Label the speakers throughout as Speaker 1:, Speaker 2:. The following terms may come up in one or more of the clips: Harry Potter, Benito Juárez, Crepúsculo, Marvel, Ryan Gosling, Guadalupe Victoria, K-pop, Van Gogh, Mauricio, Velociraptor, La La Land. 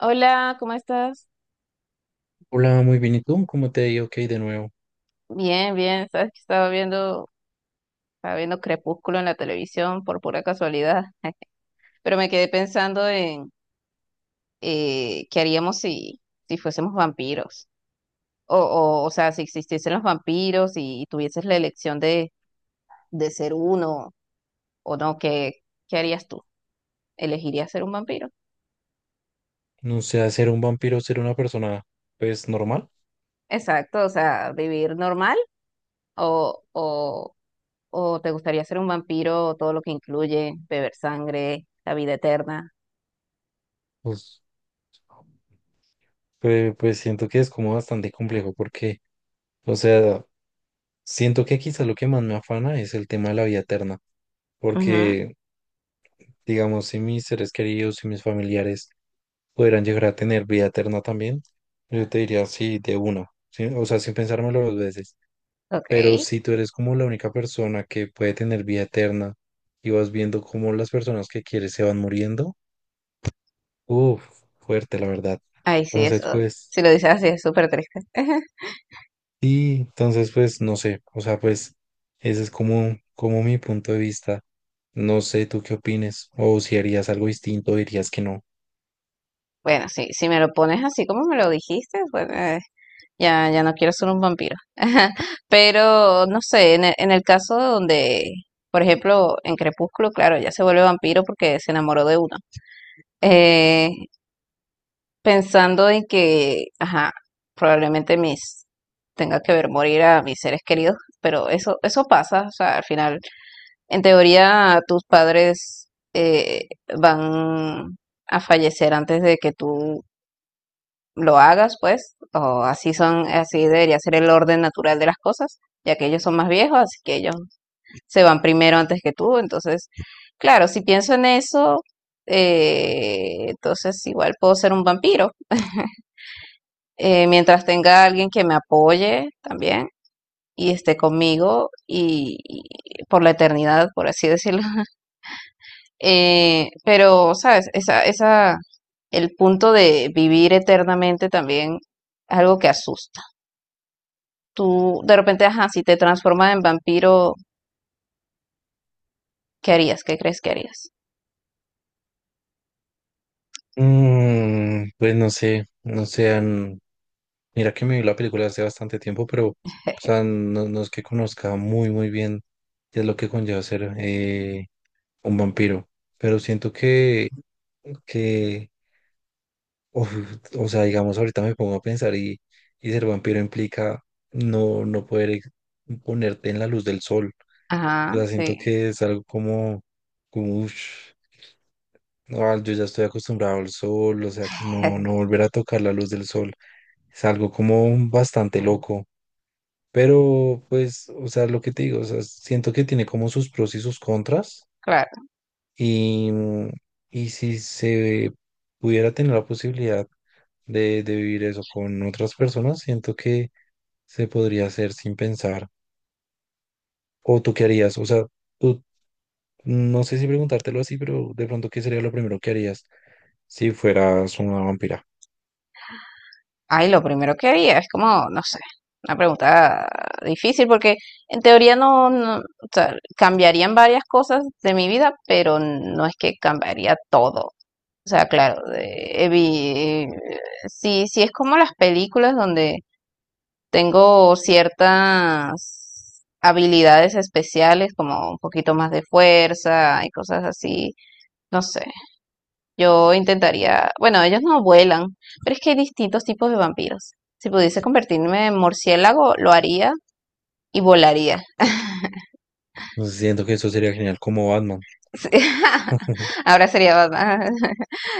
Speaker 1: Hola, ¿cómo estás?
Speaker 2: Hola, muy bien. ¿Y tú? ¿Cómo te ha ido? Ok, de nuevo.
Speaker 1: Bien, bien, sabes que estaba viendo Crepúsculo en la televisión por pura casualidad. Pero me quedé pensando en qué haríamos si, si fuésemos vampiros, o sea, si existiesen los vampiros y tuvieses la elección de ser uno o no. ¿Qué harías tú? ¿Elegirías ser un vampiro?
Speaker 2: No sé, ser un vampiro, ser una persona, pues, normal.
Speaker 1: Exacto, o sea, vivir normal o, o, o te gustaría ser un vampiro, todo lo que incluye beber sangre, la vida eterna.
Speaker 2: Pues, pues, siento que es como bastante complejo porque, o sea, siento que quizás lo que más me afana es el tema de la vida eterna. Porque, digamos, si mis seres queridos y mis familiares pudieran llegar a tener vida eterna también, yo te diría sí, de una. ¿Sí? O sea, sin pensármelo dos veces.
Speaker 1: Ok,
Speaker 2: Pero si tú eres como la única persona que puede tener vida eterna y vas viendo cómo las personas que quieres se van muriendo, uf, fuerte, la verdad.
Speaker 1: ay sí,
Speaker 2: Entonces,
Speaker 1: eso.
Speaker 2: pues,
Speaker 1: Si lo dices así es súper triste.
Speaker 2: sí, entonces, pues, no sé, o sea, pues, ese es como mi punto de vista. No sé, ¿tú qué opines? O si harías algo distinto, o dirías que no.
Speaker 1: Bueno, sí, si me lo pones así como me lo dijiste, bueno, ya, ya no quiero ser un vampiro. Pero, no sé, en el caso donde, por ejemplo, en Crepúsculo, claro, ya se vuelve vampiro porque se enamoró de uno. Eh, Pensando en que, ajá, probablemente mis tenga que ver morir a mis seres queridos, pero eso pasa, o sea, al final. En teoría, tus padres eh, van a fallecer antes de que tú lo hagas, pues, o así son, así debería ser el orden natural de las cosas, ya que ellos son más viejos, así que ellos se van primero antes que tú. Entonces, claro, si pienso en eso, entonces igual puedo ser un vampiro, mientras tenga alguien que me apoye también y esté conmigo y por la eternidad, por así decirlo. Pero, ¿sabes? El punto de vivir eternamente también es algo que asusta. Tú, de repente, ajá, si te transformas en vampiro, ¿qué harías? ¿Qué crees que harías?
Speaker 2: Pues no sé, mira que me vi la película hace bastante tiempo, pero, o sea, no, no es que conozca muy, muy bien qué es lo que conlleva ser un vampiro, pero siento que uf, o sea, digamos, ahorita me pongo a pensar y ser vampiro implica no poder ponerte en la luz del sol. O
Speaker 1: Ajá,
Speaker 2: sea,
Speaker 1: sí,
Speaker 2: siento que es algo como "Ush, no, yo ya estoy acostumbrado al sol, o sea, no volver a tocar la luz del sol." Es algo como bastante loco. Pero, pues, o sea, lo que te digo, o sea, siento que tiene como sus pros y sus contras.
Speaker 1: claro.
Speaker 2: Y, mm, y si se pudiera tener la posibilidad de vivir eso con otras personas, siento que se podría hacer sin pensar. ¿O tú qué harías? O sea, tú, no sé si preguntártelo así, pero de pronto, ¿qué sería lo primero que harías si fueras una vampira?
Speaker 1: Ay, lo primero que haría es como, no sé, una pregunta difícil porque en teoría no, no, o sea, cambiarían varias cosas de mi vida, pero no es que cambiaría todo. O sea, claro, evi- sí, sí es como las películas donde tengo ciertas habilidades especiales, como un poquito más de fuerza y cosas así. No sé, yo intentaría, bueno, ellos no vuelan, pero es que hay distintos tipos de vampiros. Si pudiese convertirme en murciélago, lo haría y volaría.
Speaker 2: Siento que eso sería genial, como Batman.
Speaker 1: Sí. Ahora sería Batman.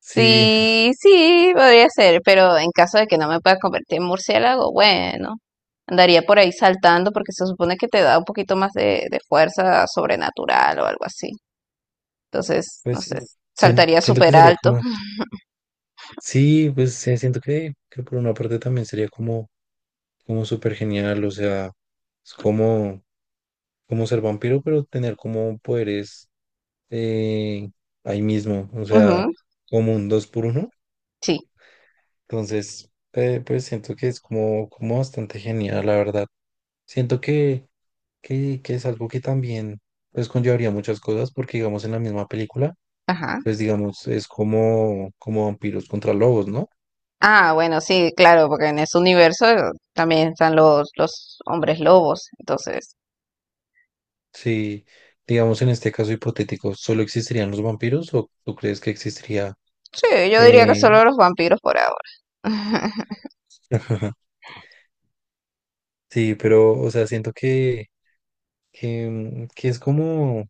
Speaker 2: Sí,
Speaker 1: Sí, sí, podría ser, pero en caso de que no me pueda convertir en murciélago, bueno, andaría por ahí saltando porque se supone que te da un poquito más de fuerza sobrenatural o algo así. Entonces, no
Speaker 2: pues sí,
Speaker 1: sé, saltaría
Speaker 2: siento que
Speaker 1: súper
Speaker 2: sería
Speaker 1: alto.
Speaker 2: como, sí, pues sí, siento que por una parte también sería como súper genial, o sea, es como ser vampiro, pero tener como poderes eh, ahí mismo, o sea,
Speaker 1: Ujú,
Speaker 2: como un dos por uno.
Speaker 1: sí,
Speaker 2: Entonces, pues siento que es como bastante genial, la verdad. Siento que es algo que también pues conllevaría muchas cosas, porque digamos en la misma película,
Speaker 1: ajá.
Speaker 2: pues digamos, es como vampiros contra lobos, ¿no?
Speaker 1: Ah, bueno, sí, claro, porque en ese universo también están los hombres lobos. Entonces,
Speaker 2: Si, digamos en este caso hipotético, ¿solo existirían los vampiros o tú crees que existiría...
Speaker 1: sí, yo diría que
Speaker 2: eh,
Speaker 1: solo los vampiros por ahora.
Speaker 2: Sí, pero, o sea, siento que es como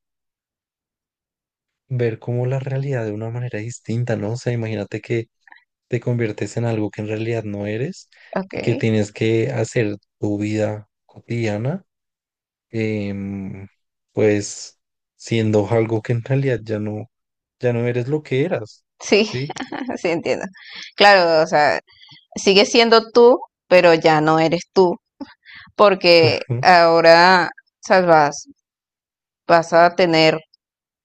Speaker 2: ver como la realidad de una manera distinta, ¿no? O sea, imagínate que te conviertes en algo que en realidad no eres
Speaker 1: Ok,
Speaker 2: y que tienes que hacer tu vida cotidiana, em, pues siendo algo que en realidad ya no eres lo que eras,
Speaker 1: sí,
Speaker 2: ¿sí?
Speaker 1: sí entiendo. Claro, o sea, sigue siendo tú, pero ya no eres tú, porque
Speaker 2: Claro.
Speaker 1: ahora sabes, vas a tener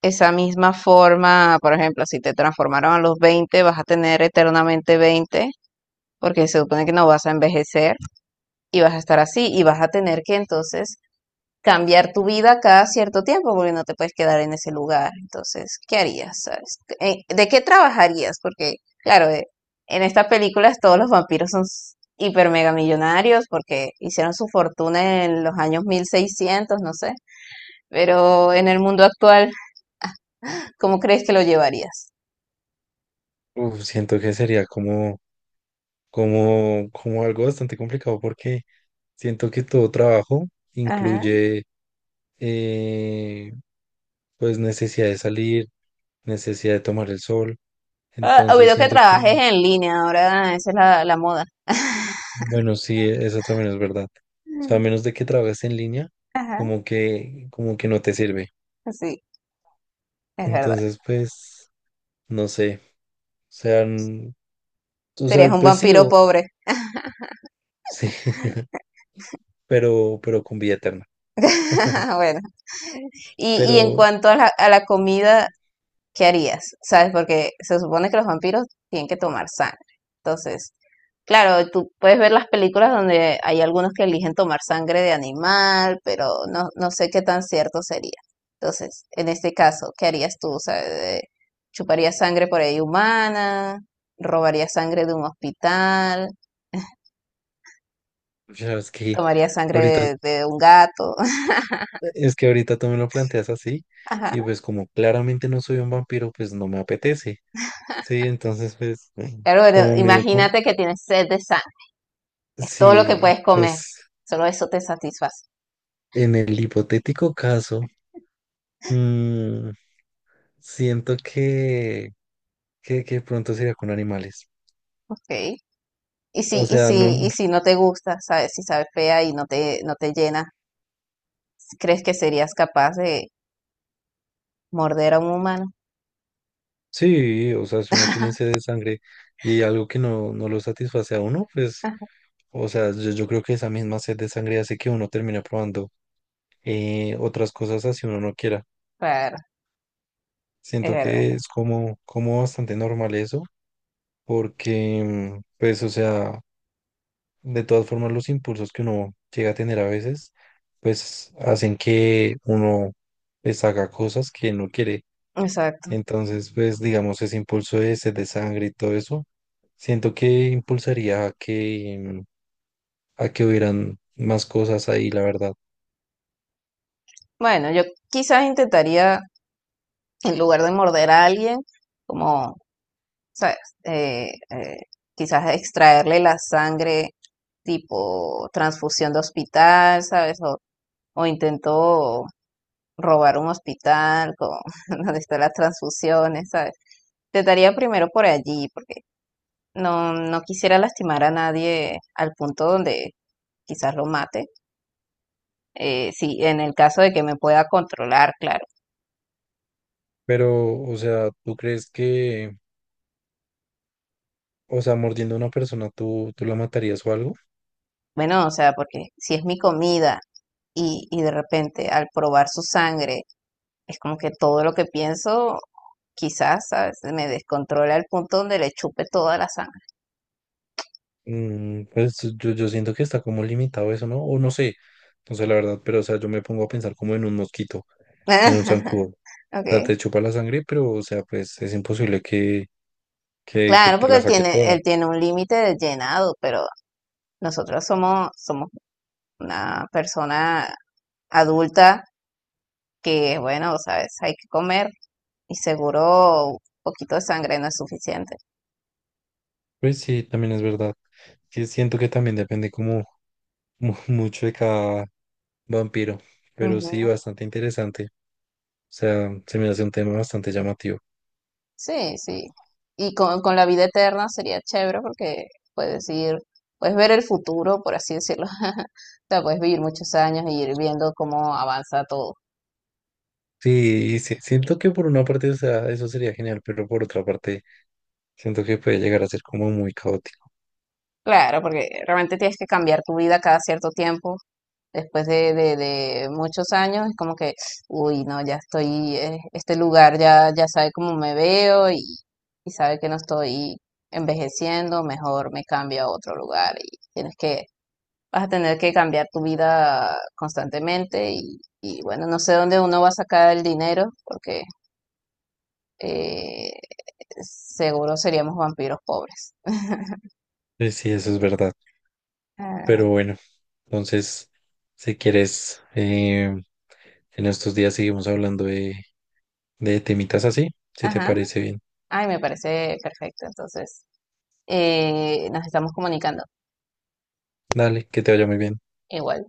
Speaker 1: esa misma forma. Por ejemplo, si te transformaron a los 20, vas a tener eternamente 20, porque se supone que no vas a envejecer y vas a estar así y vas a tener que entonces cambiar tu vida cada cierto tiempo porque no te puedes quedar en ese lugar. Entonces, ¿qué harías? ¿Sabes? ¿De qué trabajarías? Porque, claro, en estas películas todos los vampiros son hiper mega millonarios porque hicieron su fortuna en los años 1600, no sé. Pero en el mundo actual, ¿cómo crees que lo llevarías?
Speaker 2: Uf, siento que sería como algo bastante complicado porque siento que todo trabajo
Speaker 1: Ajá.
Speaker 2: incluye eh, pues necesidad de salir, necesidad de tomar el sol.
Speaker 1: Ah,
Speaker 2: Entonces
Speaker 1: olvidó que
Speaker 2: siento que,
Speaker 1: trabajes en línea, ahora esa es la moda.
Speaker 2: bueno, sí, eso también es verdad. O sea, a
Speaker 1: Mm,
Speaker 2: menos de que trabajes en línea,
Speaker 1: ajá.
Speaker 2: como que no te sirve.
Speaker 1: Sí, es verdad.
Speaker 2: Entonces, pues, no sé. O sea, o
Speaker 1: Serías
Speaker 2: sea,
Speaker 1: un
Speaker 2: pues sí,
Speaker 1: vampiro pobre.
Speaker 2: sí, pero con vida eterna.
Speaker 1: Bueno. Y en
Speaker 2: Pero,
Speaker 1: cuanto a a la comida, ¿qué harías? ¿Sabes? Porque se supone que los vampiros tienen que tomar sangre. Entonces, claro, tú puedes ver las películas donde hay algunos que eligen tomar sangre de animal, pero no, no sé qué tan cierto sería. Entonces, en este caso, ¿qué harías tú? O sea, ¿chuparías sangre por ahí humana? ¿Robarías sangre de un hospital?
Speaker 2: pues,
Speaker 1: ¿Tomarías sangre
Speaker 2: ahorita,
Speaker 1: de un gato?
Speaker 2: es que ahorita tú me lo planteas así,
Speaker 1: Ajá.
Speaker 2: y pues como claramente no soy un vampiro, pues no me apetece. Sí, entonces, pues,
Speaker 1: Claro, bueno,
Speaker 2: como medio como,
Speaker 1: imagínate que tienes sed de sangre. Es todo lo que
Speaker 2: sí,
Speaker 1: puedes comer.
Speaker 2: pues.
Speaker 1: Solo eso te satisface.
Speaker 2: En el hipotético caso, mm, siento que pronto sería con animales.
Speaker 1: Ok.
Speaker 2: O sea, no,
Speaker 1: Y si no te gusta, sabes, si sabe fea y no no te llena, ¿crees que serías capaz de morder a un humano?
Speaker 2: sí, o sea, si uno tiene sed de sangre y hay algo que no lo satisface a uno, pues,
Speaker 1: Ah,
Speaker 2: o sea, yo creo que esa misma sed de sangre hace que uno termine probando otras cosas así uno no quiera.
Speaker 1: claro, es
Speaker 2: Siento
Speaker 1: verdad.
Speaker 2: que es como bastante normal eso, porque, pues, o sea, de todas formas, los impulsos que uno llega a tener a veces, pues hacen que uno pues haga cosas que no quiere.
Speaker 1: Exacto.
Speaker 2: Entonces, pues digamos, ese impulso de sed de sangre y todo eso, siento que impulsaría a que hubieran más cosas ahí, la verdad.
Speaker 1: Bueno, yo quizás intentaría, en lugar de morder a alguien, como, sabes, eh, eh, quizás extraerle la sangre tipo transfusión de hospital, ¿sabes? O intento robar un hospital, con, donde están las transfusiones, ¿sabes? Trataría primero por allí, porque no, no quisiera lastimar a nadie al punto donde quizás lo mate. Sí, en el caso de que me pueda controlar, claro.
Speaker 2: Pero, o sea, ¿tú crees que, o sea, mordiendo a una persona, tú la matarías o algo?
Speaker 1: Bueno, o sea, porque si es mi comida y de repente al probar su sangre, es como que todo lo que pienso quizás, ¿sabes? Me descontrola al punto donde le chupe toda la sangre.
Speaker 2: Pues yo siento que está como limitado eso, ¿no? O no sé la verdad, pero, o sea, yo me pongo a pensar como en un mosquito. En un zancudo. O sea,
Speaker 1: Okay.
Speaker 2: te chupa la sangre, pero, o sea, pues es imposible que
Speaker 1: Claro,
Speaker 2: te
Speaker 1: porque
Speaker 2: la saque toda.
Speaker 1: él tiene un límite de llenado, pero nosotros somos una persona adulta que, bueno, sabes, hay que comer y seguro un poquito de sangre no es suficiente.
Speaker 2: Pues sí, también es verdad. Sí, siento que también depende como mucho de cada vampiro, pero sí,
Speaker 1: Ujú.
Speaker 2: bastante interesante. O sea, se me hace un tema bastante llamativo.
Speaker 1: Sí, sí. Con la vida eterna sería chévere porque puedes ir, puedes ver el futuro, por así decirlo. O sea, puedes vivir muchos años y ir viendo cómo avanza todo.
Speaker 2: Sí, y sí, siento que por una parte, o sea, eso sería genial, pero por otra parte, siento que puede llegar a ser como muy caótico.
Speaker 1: Claro, porque realmente tienes que cambiar tu vida cada cierto tiempo después de muchos años, es como que, uy, no, ya estoy, este lugar ya sabe cómo me veo y sabe que no estoy envejeciendo, mejor me cambio a otro lugar y tienes que, vas a tener que cambiar tu vida constantemente y bueno, no sé dónde uno va a sacar el dinero porque eh, seguro seríamos vampiros pobres.
Speaker 2: Pues sí, eso es verdad. Pero
Speaker 1: Ah,
Speaker 2: bueno, entonces, si quieres, en estos días seguimos hablando de temitas así, si te
Speaker 1: ajá,
Speaker 2: parece bien.
Speaker 1: ay, me parece perfecto, entonces nos estamos comunicando
Speaker 2: Dale, que te vaya muy bien.
Speaker 1: igual.